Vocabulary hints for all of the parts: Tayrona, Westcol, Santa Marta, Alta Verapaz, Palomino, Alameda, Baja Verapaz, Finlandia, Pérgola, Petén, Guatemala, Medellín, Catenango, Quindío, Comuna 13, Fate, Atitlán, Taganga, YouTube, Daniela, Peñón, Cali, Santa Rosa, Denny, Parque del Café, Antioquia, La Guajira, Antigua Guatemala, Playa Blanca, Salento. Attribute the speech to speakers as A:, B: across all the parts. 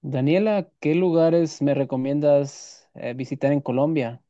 A: Daniela, ¿qué lugares me recomiendas visitar en Colombia?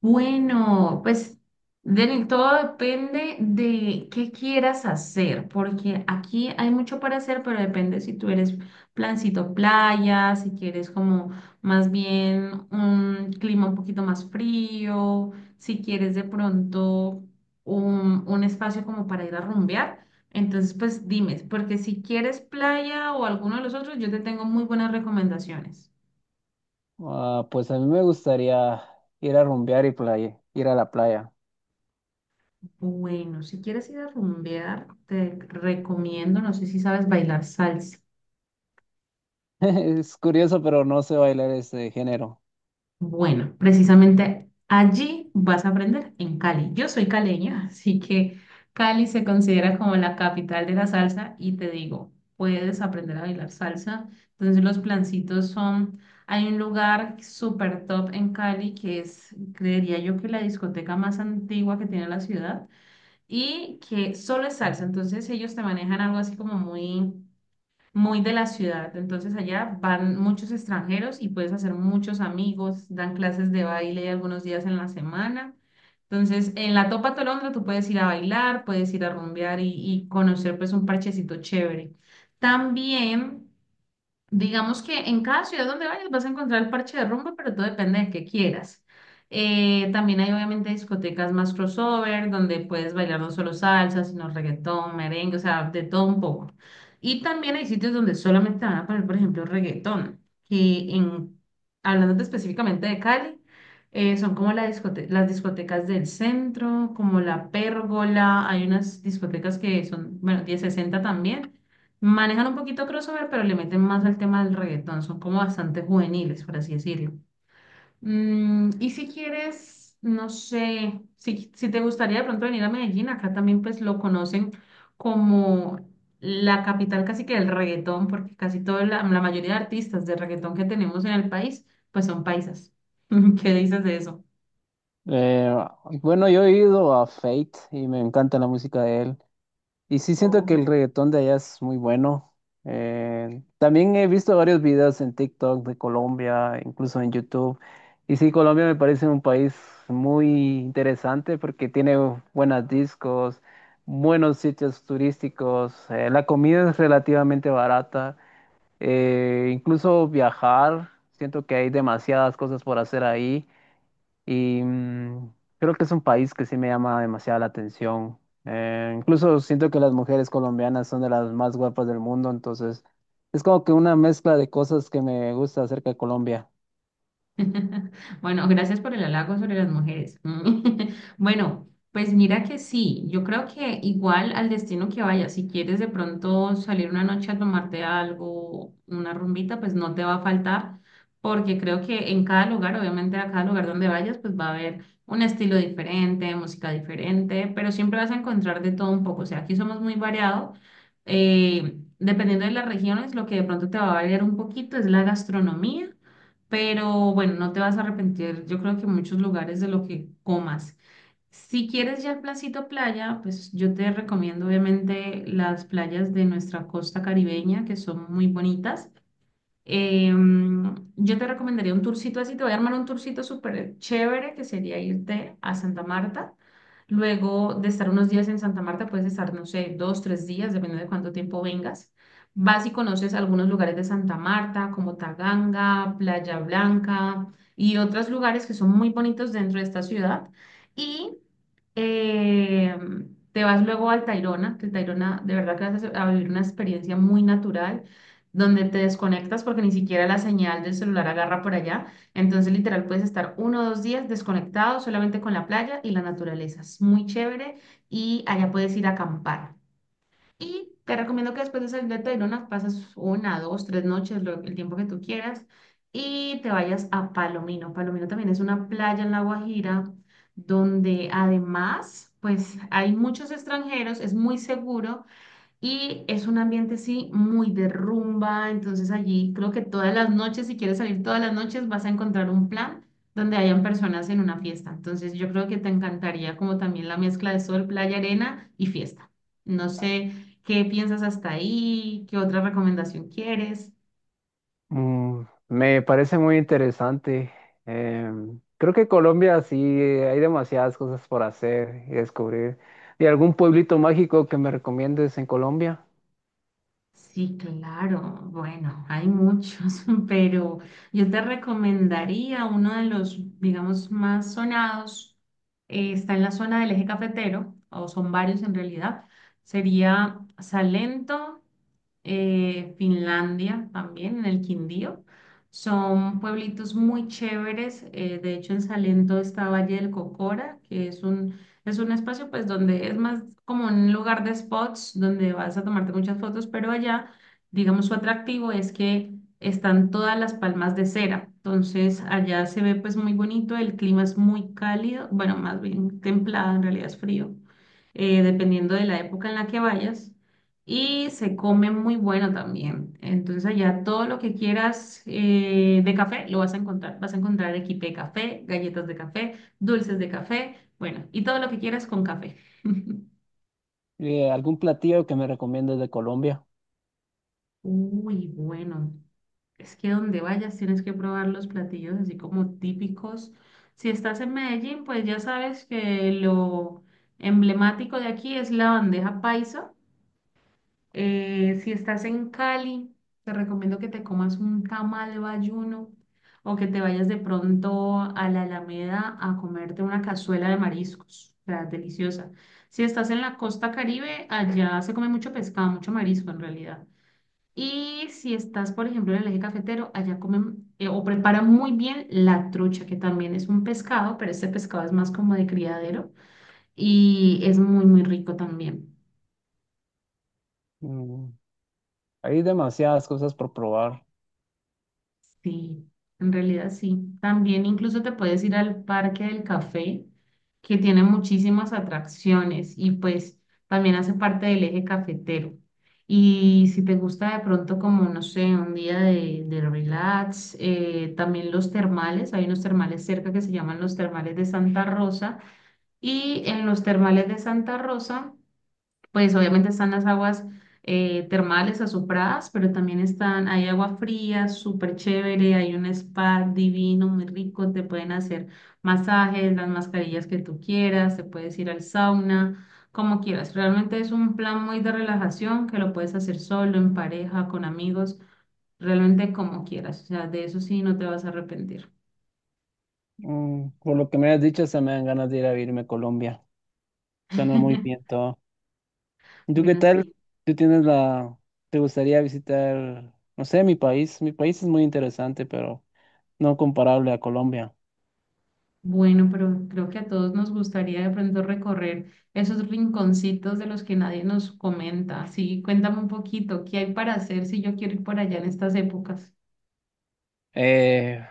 B: Bueno, pues Denny, todo depende de qué quieras hacer, porque aquí hay mucho para hacer, pero depende si tú eres plancito playa, si quieres como más bien un clima un poquito más frío, si quieres de pronto un espacio como para ir a rumbear. Entonces, pues dime, porque si quieres playa o alguno de los otros, yo te tengo muy buenas recomendaciones.
A: Ah, pues a mí me gustaría ir a rumbear y playa, ir a la playa.
B: Bueno, si quieres ir a rumbear, te recomiendo, no sé si sabes bailar salsa.
A: Es curioso, pero no sé bailar ese género.
B: Bueno, precisamente allí vas a aprender en Cali. Yo soy caleña, así que Cali se considera como la capital de la salsa y te digo, puedes aprender a bailar salsa. Entonces los plancitos son, hay un lugar súper top en Cali que es, creería yo que la discoteca más antigua que tiene la ciudad y que solo es salsa. Entonces ellos te manejan algo así como muy de la ciudad. Entonces allá van muchos extranjeros y puedes hacer muchos amigos, dan clases de baile algunos días en la semana. Entonces, en la Topa Tolondra tú puedes ir a bailar, puedes ir a rumbear y conocer pues un parchecito chévere. También digamos que en cada ciudad donde vayas vas a encontrar el parche de rumba, pero todo depende de qué quieras. También hay obviamente discotecas más crossover, donde puedes bailar no solo salsa, sino reggaetón, merengue, o sea, de todo un poco. Y también hay sitios donde solamente van a poner, por ejemplo, reggaetón, que en, hablando específicamente de Cali, son como las discotecas del centro, como la Pérgola, hay unas discotecas que son, bueno, 1060 también. Manejan un poquito crossover, pero le meten más al tema del reggaetón. Son como bastante juveniles, por así decirlo. Mm, y si quieres, no sé, si te gustaría de pronto venir a Medellín, acá también pues lo conocen como la capital casi que del reggaetón, porque casi toda la mayoría de artistas de reggaetón que tenemos en el país, pues son paisas. ¿Qué dices de eso?
A: Eh, bueno, yo he ido a Fate y me encanta la música de él. Y sí siento
B: Oh.
A: que el reggaetón de allá es muy bueno. También he visto varios videos en TikTok de Colombia, incluso en YouTube. Y sí, Colombia me parece un país muy interesante porque tiene buenas discos, buenos sitios turísticos, la comida es relativamente barata, incluso viajar, siento que hay demasiadas cosas por hacer ahí. Y mm, creo que es un país que sí me llama demasiado la atención. Incluso siento que las mujeres colombianas son de las más guapas del mundo, entonces es como que una mezcla de cosas que me gusta acerca de Colombia.
B: Bueno, gracias por el halago sobre las mujeres. Bueno, pues mira que sí, yo creo que igual al destino que vayas, si quieres de pronto salir una noche a tomarte algo, una rumbita, pues no te va a faltar, porque creo que en cada lugar, obviamente a cada lugar donde vayas, pues va a haber un estilo diferente, música diferente, pero siempre vas a encontrar de todo un poco. O sea, aquí somos muy variados. Dependiendo de las regiones, lo que de pronto te va a variar un poquito es la gastronomía, pero bueno, no te vas a arrepentir, yo creo que en muchos lugares de lo que comas. Si quieres ya el placito playa, pues yo te recomiendo obviamente las playas de nuestra costa caribeña, que son muy bonitas. Yo te recomendaría un tourcito así, te voy a armar un tourcito súper chévere que sería irte a Santa Marta. Luego de estar unos días en Santa Marta, puedes estar, no sé, dos, tres días, dependiendo de cuánto tiempo vengas. Vas y conoces algunos lugares de Santa Marta, como Taganga, Playa Blanca y otros lugares que son muy bonitos dentro de esta ciudad. Y eh, te vas luego al Tayrona, que el Tayrona de verdad que vas a vivir una experiencia muy natural donde te desconectas porque ni siquiera la señal del celular agarra por allá. Entonces, literal, puedes estar uno o dos días desconectado solamente con la playa y la naturaleza. Es muy chévere y allá puedes ir a acampar. Y te recomiendo que después de salir de Tayrona pasas una, dos, tres noches, el tiempo que tú quieras, y te vayas a Palomino. Palomino también es una playa en La Guajira donde además, pues hay muchos extranjeros, es muy seguro. Y es un ambiente, sí, muy de rumba. Entonces allí creo que todas las noches, si quieres salir todas las noches, vas a encontrar un plan donde hayan personas en una fiesta. Entonces yo creo que te encantaría como también la mezcla de sol, playa, arena y fiesta. No sé qué piensas hasta ahí, qué otra recomendación quieres.
A: Mm, me parece muy interesante. Em, creo que Colombia sí hay demasiadas cosas por hacer y descubrir. ¿Y algún pueblito mágico que me recomiendes en Colombia?
B: Sí, claro. Bueno, hay muchos, pero yo te recomendaría uno de los, digamos, más sonados. Está en la zona del eje cafetero, o son varios en realidad. Sería Salento, Finlandia también, en el Quindío. Son pueblitos muy chéveres. De hecho, en Salento está Valle del Cocora, que es un espacio pues donde es más como un lugar de spots donde vas a tomarte muchas fotos, pero allá, digamos, su atractivo es que están todas las palmas de cera. Entonces allá se ve pues muy bonito, el clima es muy cálido, bueno, más bien templado, en realidad es frío, dependiendo de la época en la que vayas. Y se come muy bueno también. Entonces allá todo lo que quieras de café lo vas a encontrar. Vas a encontrar equipe de café, galletas de café, dulces de café. Bueno, y todo lo que quieras con café.
A: ¿Y algún platillo que me recomiendes de Colombia?
B: Uy, bueno, es que donde vayas tienes que probar los platillos así como típicos. Si estás en Medellín, pues ya sabes que lo emblemático de aquí es la bandeja paisa. Si estás en Cali, te recomiendo que te comas un tamal bayuno o que te vayas de pronto a la Alameda a comerte una cazuela de mariscos. O sea, deliciosa. Si estás en la costa Caribe, allá se come mucho pescado, mucho marisco en realidad. Y si estás, por ejemplo, en el eje cafetero, allá comen o preparan muy bien la trucha, que también es un pescado, pero este pescado es más como de criadero y es muy rico también.
A: Mm, hay demasiadas cosas por probar.
B: Sí, en realidad sí. También incluso te puedes ir al Parque del Café, que tiene muchísimas atracciones y pues también hace parte del eje cafetero. Y si te gusta de pronto como, no sé, un día de relax, también los termales, hay unos termales cerca que se llaman los termales de Santa Rosa. Y en los termales de Santa Rosa pues obviamente están las aguas termales azufradas, pero también están, hay agua fría, súper chévere, hay un spa divino, muy rico, te pueden hacer masajes, las mascarillas que tú quieras, te puedes ir al sauna, como quieras. Realmente es un plan muy de relajación que lo puedes hacer solo, en pareja, con amigos, realmente como quieras. O sea, de eso sí no te vas a arrepentir.
A: Mm, por lo que me has dicho, se me dan ganas de ir a irme a Colombia. Suena muy bien todo. ¿Y tú qué
B: Bueno,
A: tal?
B: sí.
A: ¿Tú tienes la... ¿Te gustaría visitar, no sé, mi país? Mi país es muy interesante, pero no comparable a Colombia.
B: Bueno, pero creo que a todos nos gustaría de pronto recorrer esos rinconcitos de los que nadie nos comenta. Sí, cuéntame un poquito, ¿qué hay para hacer si yo quiero ir por allá en estas épocas?
A: Eh,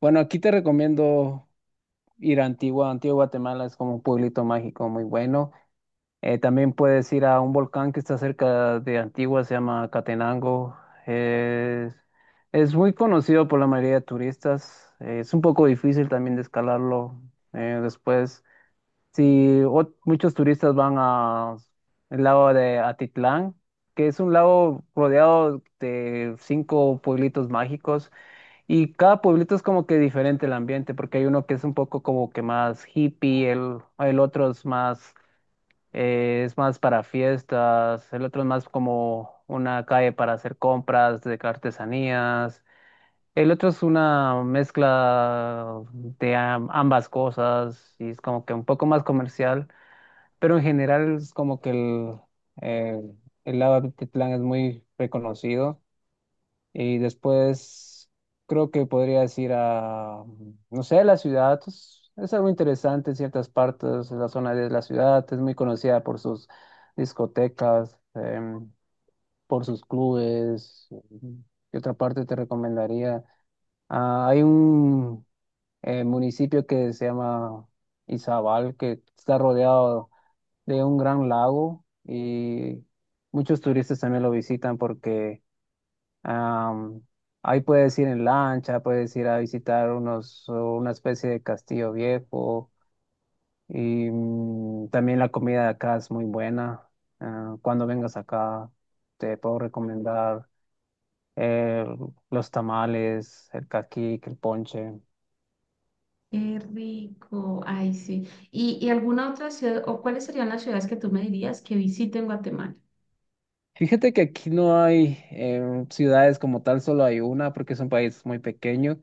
A: bueno, aquí te recomiendo ir a Antigua. Antigua Guatemala es como un pueblito mágico muy bueno. También puedes ir a un volcán que está cerca de Antigua, se llama Catenango. Es, es muy conocido por la mayoría de turistas. Es un poco difícil también de escalarlo. Después, si muchos turistas van a el lago de Atitlán, que es un lago rodeado de 5 pueblitos mágicos y cada pueblito es como que diferente el ambiente, porque hay uno que es un poco como que más hippie, el otro es más para fiestas, el otro es más como una calle para hacer compras de artesanías, el otro es una mezcla de ambas cosas y es como que un poco más comercial, pero en general es como que eh, el lado de Atitlán es muy reconocido. Y después creo que podrías ir a, no sé, la ciudad. Es algo interesante en ciertas partes. La zona de la ciudad es muy conocida por sus discotecas, em, por sus clubes. ¿Qué otra parte te recomendaría? Ah, hay un municipio que se llama Izabal, que está rodeado de un gran lago y muchos turistas también lo visitan porque Am, ahí puedes ir en lancha, puedes ir a visitar unos, una especie de castillo viejo y mm, también la comida de acá es muy buena. Ah, cuando vengas acá te puedo recomendar eh, los tamales, el caquic, el ponche.
B: Qué rico, ay sí. ¿Y alguna otra ciudad, o cuáles serían las ciudades que tú me dirías que visite en Guatemala?
A: Fíjate que aquí no hay ciudades como tal, solo hay una porque es un país muy pequeño.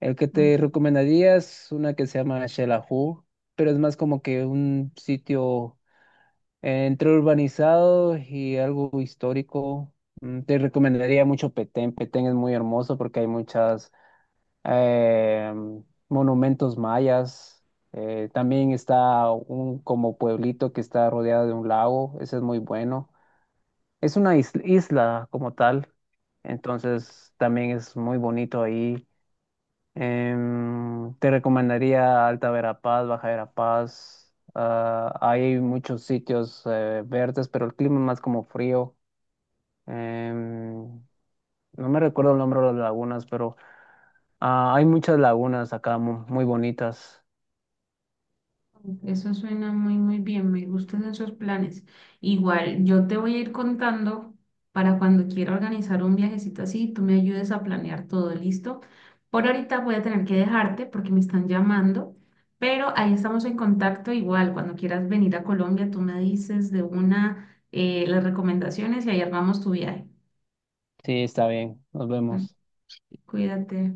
A: El que te recomendaría es una que se llama Xelajú, pero es más como que un sitio entre urbanizados y algo histórico, mm, te recomendaría mucho Petén. Petén es muy hermoso porque hay muchas eh, monumentos mayas. También está un como pueblito que está rodeado de un lago. Ese es muy bueno. Es una isla como tal. Entonces también es muy bonito ahí. Em, te recomendaría Alta Verapaz, Baja Verapaz. Ah, hay muchos sitios verdes, pero el clima es más como frío. Em, no me recuerdo el nombre de las lagunas, pero ah, hay muchas lagunas acá muy bonitas.
B: Eso suena muy, muy bien, me gustan esos planes. Igual, yo te voy a ir contando para cuando quiera organizar un viajecito así, tú me ayudes a planear todo, ¿listo? Por ahorita voy a tener que dejarte porque me están llamando, pero ahí estamos en contacto igual. Cuando quieras venir a Colombia, tú me dices de una las recomendaciones y ahí armamos tu viaje.
A: Sí, está bien. Nos
B: Mm,
A: vemos.
B: cuídate.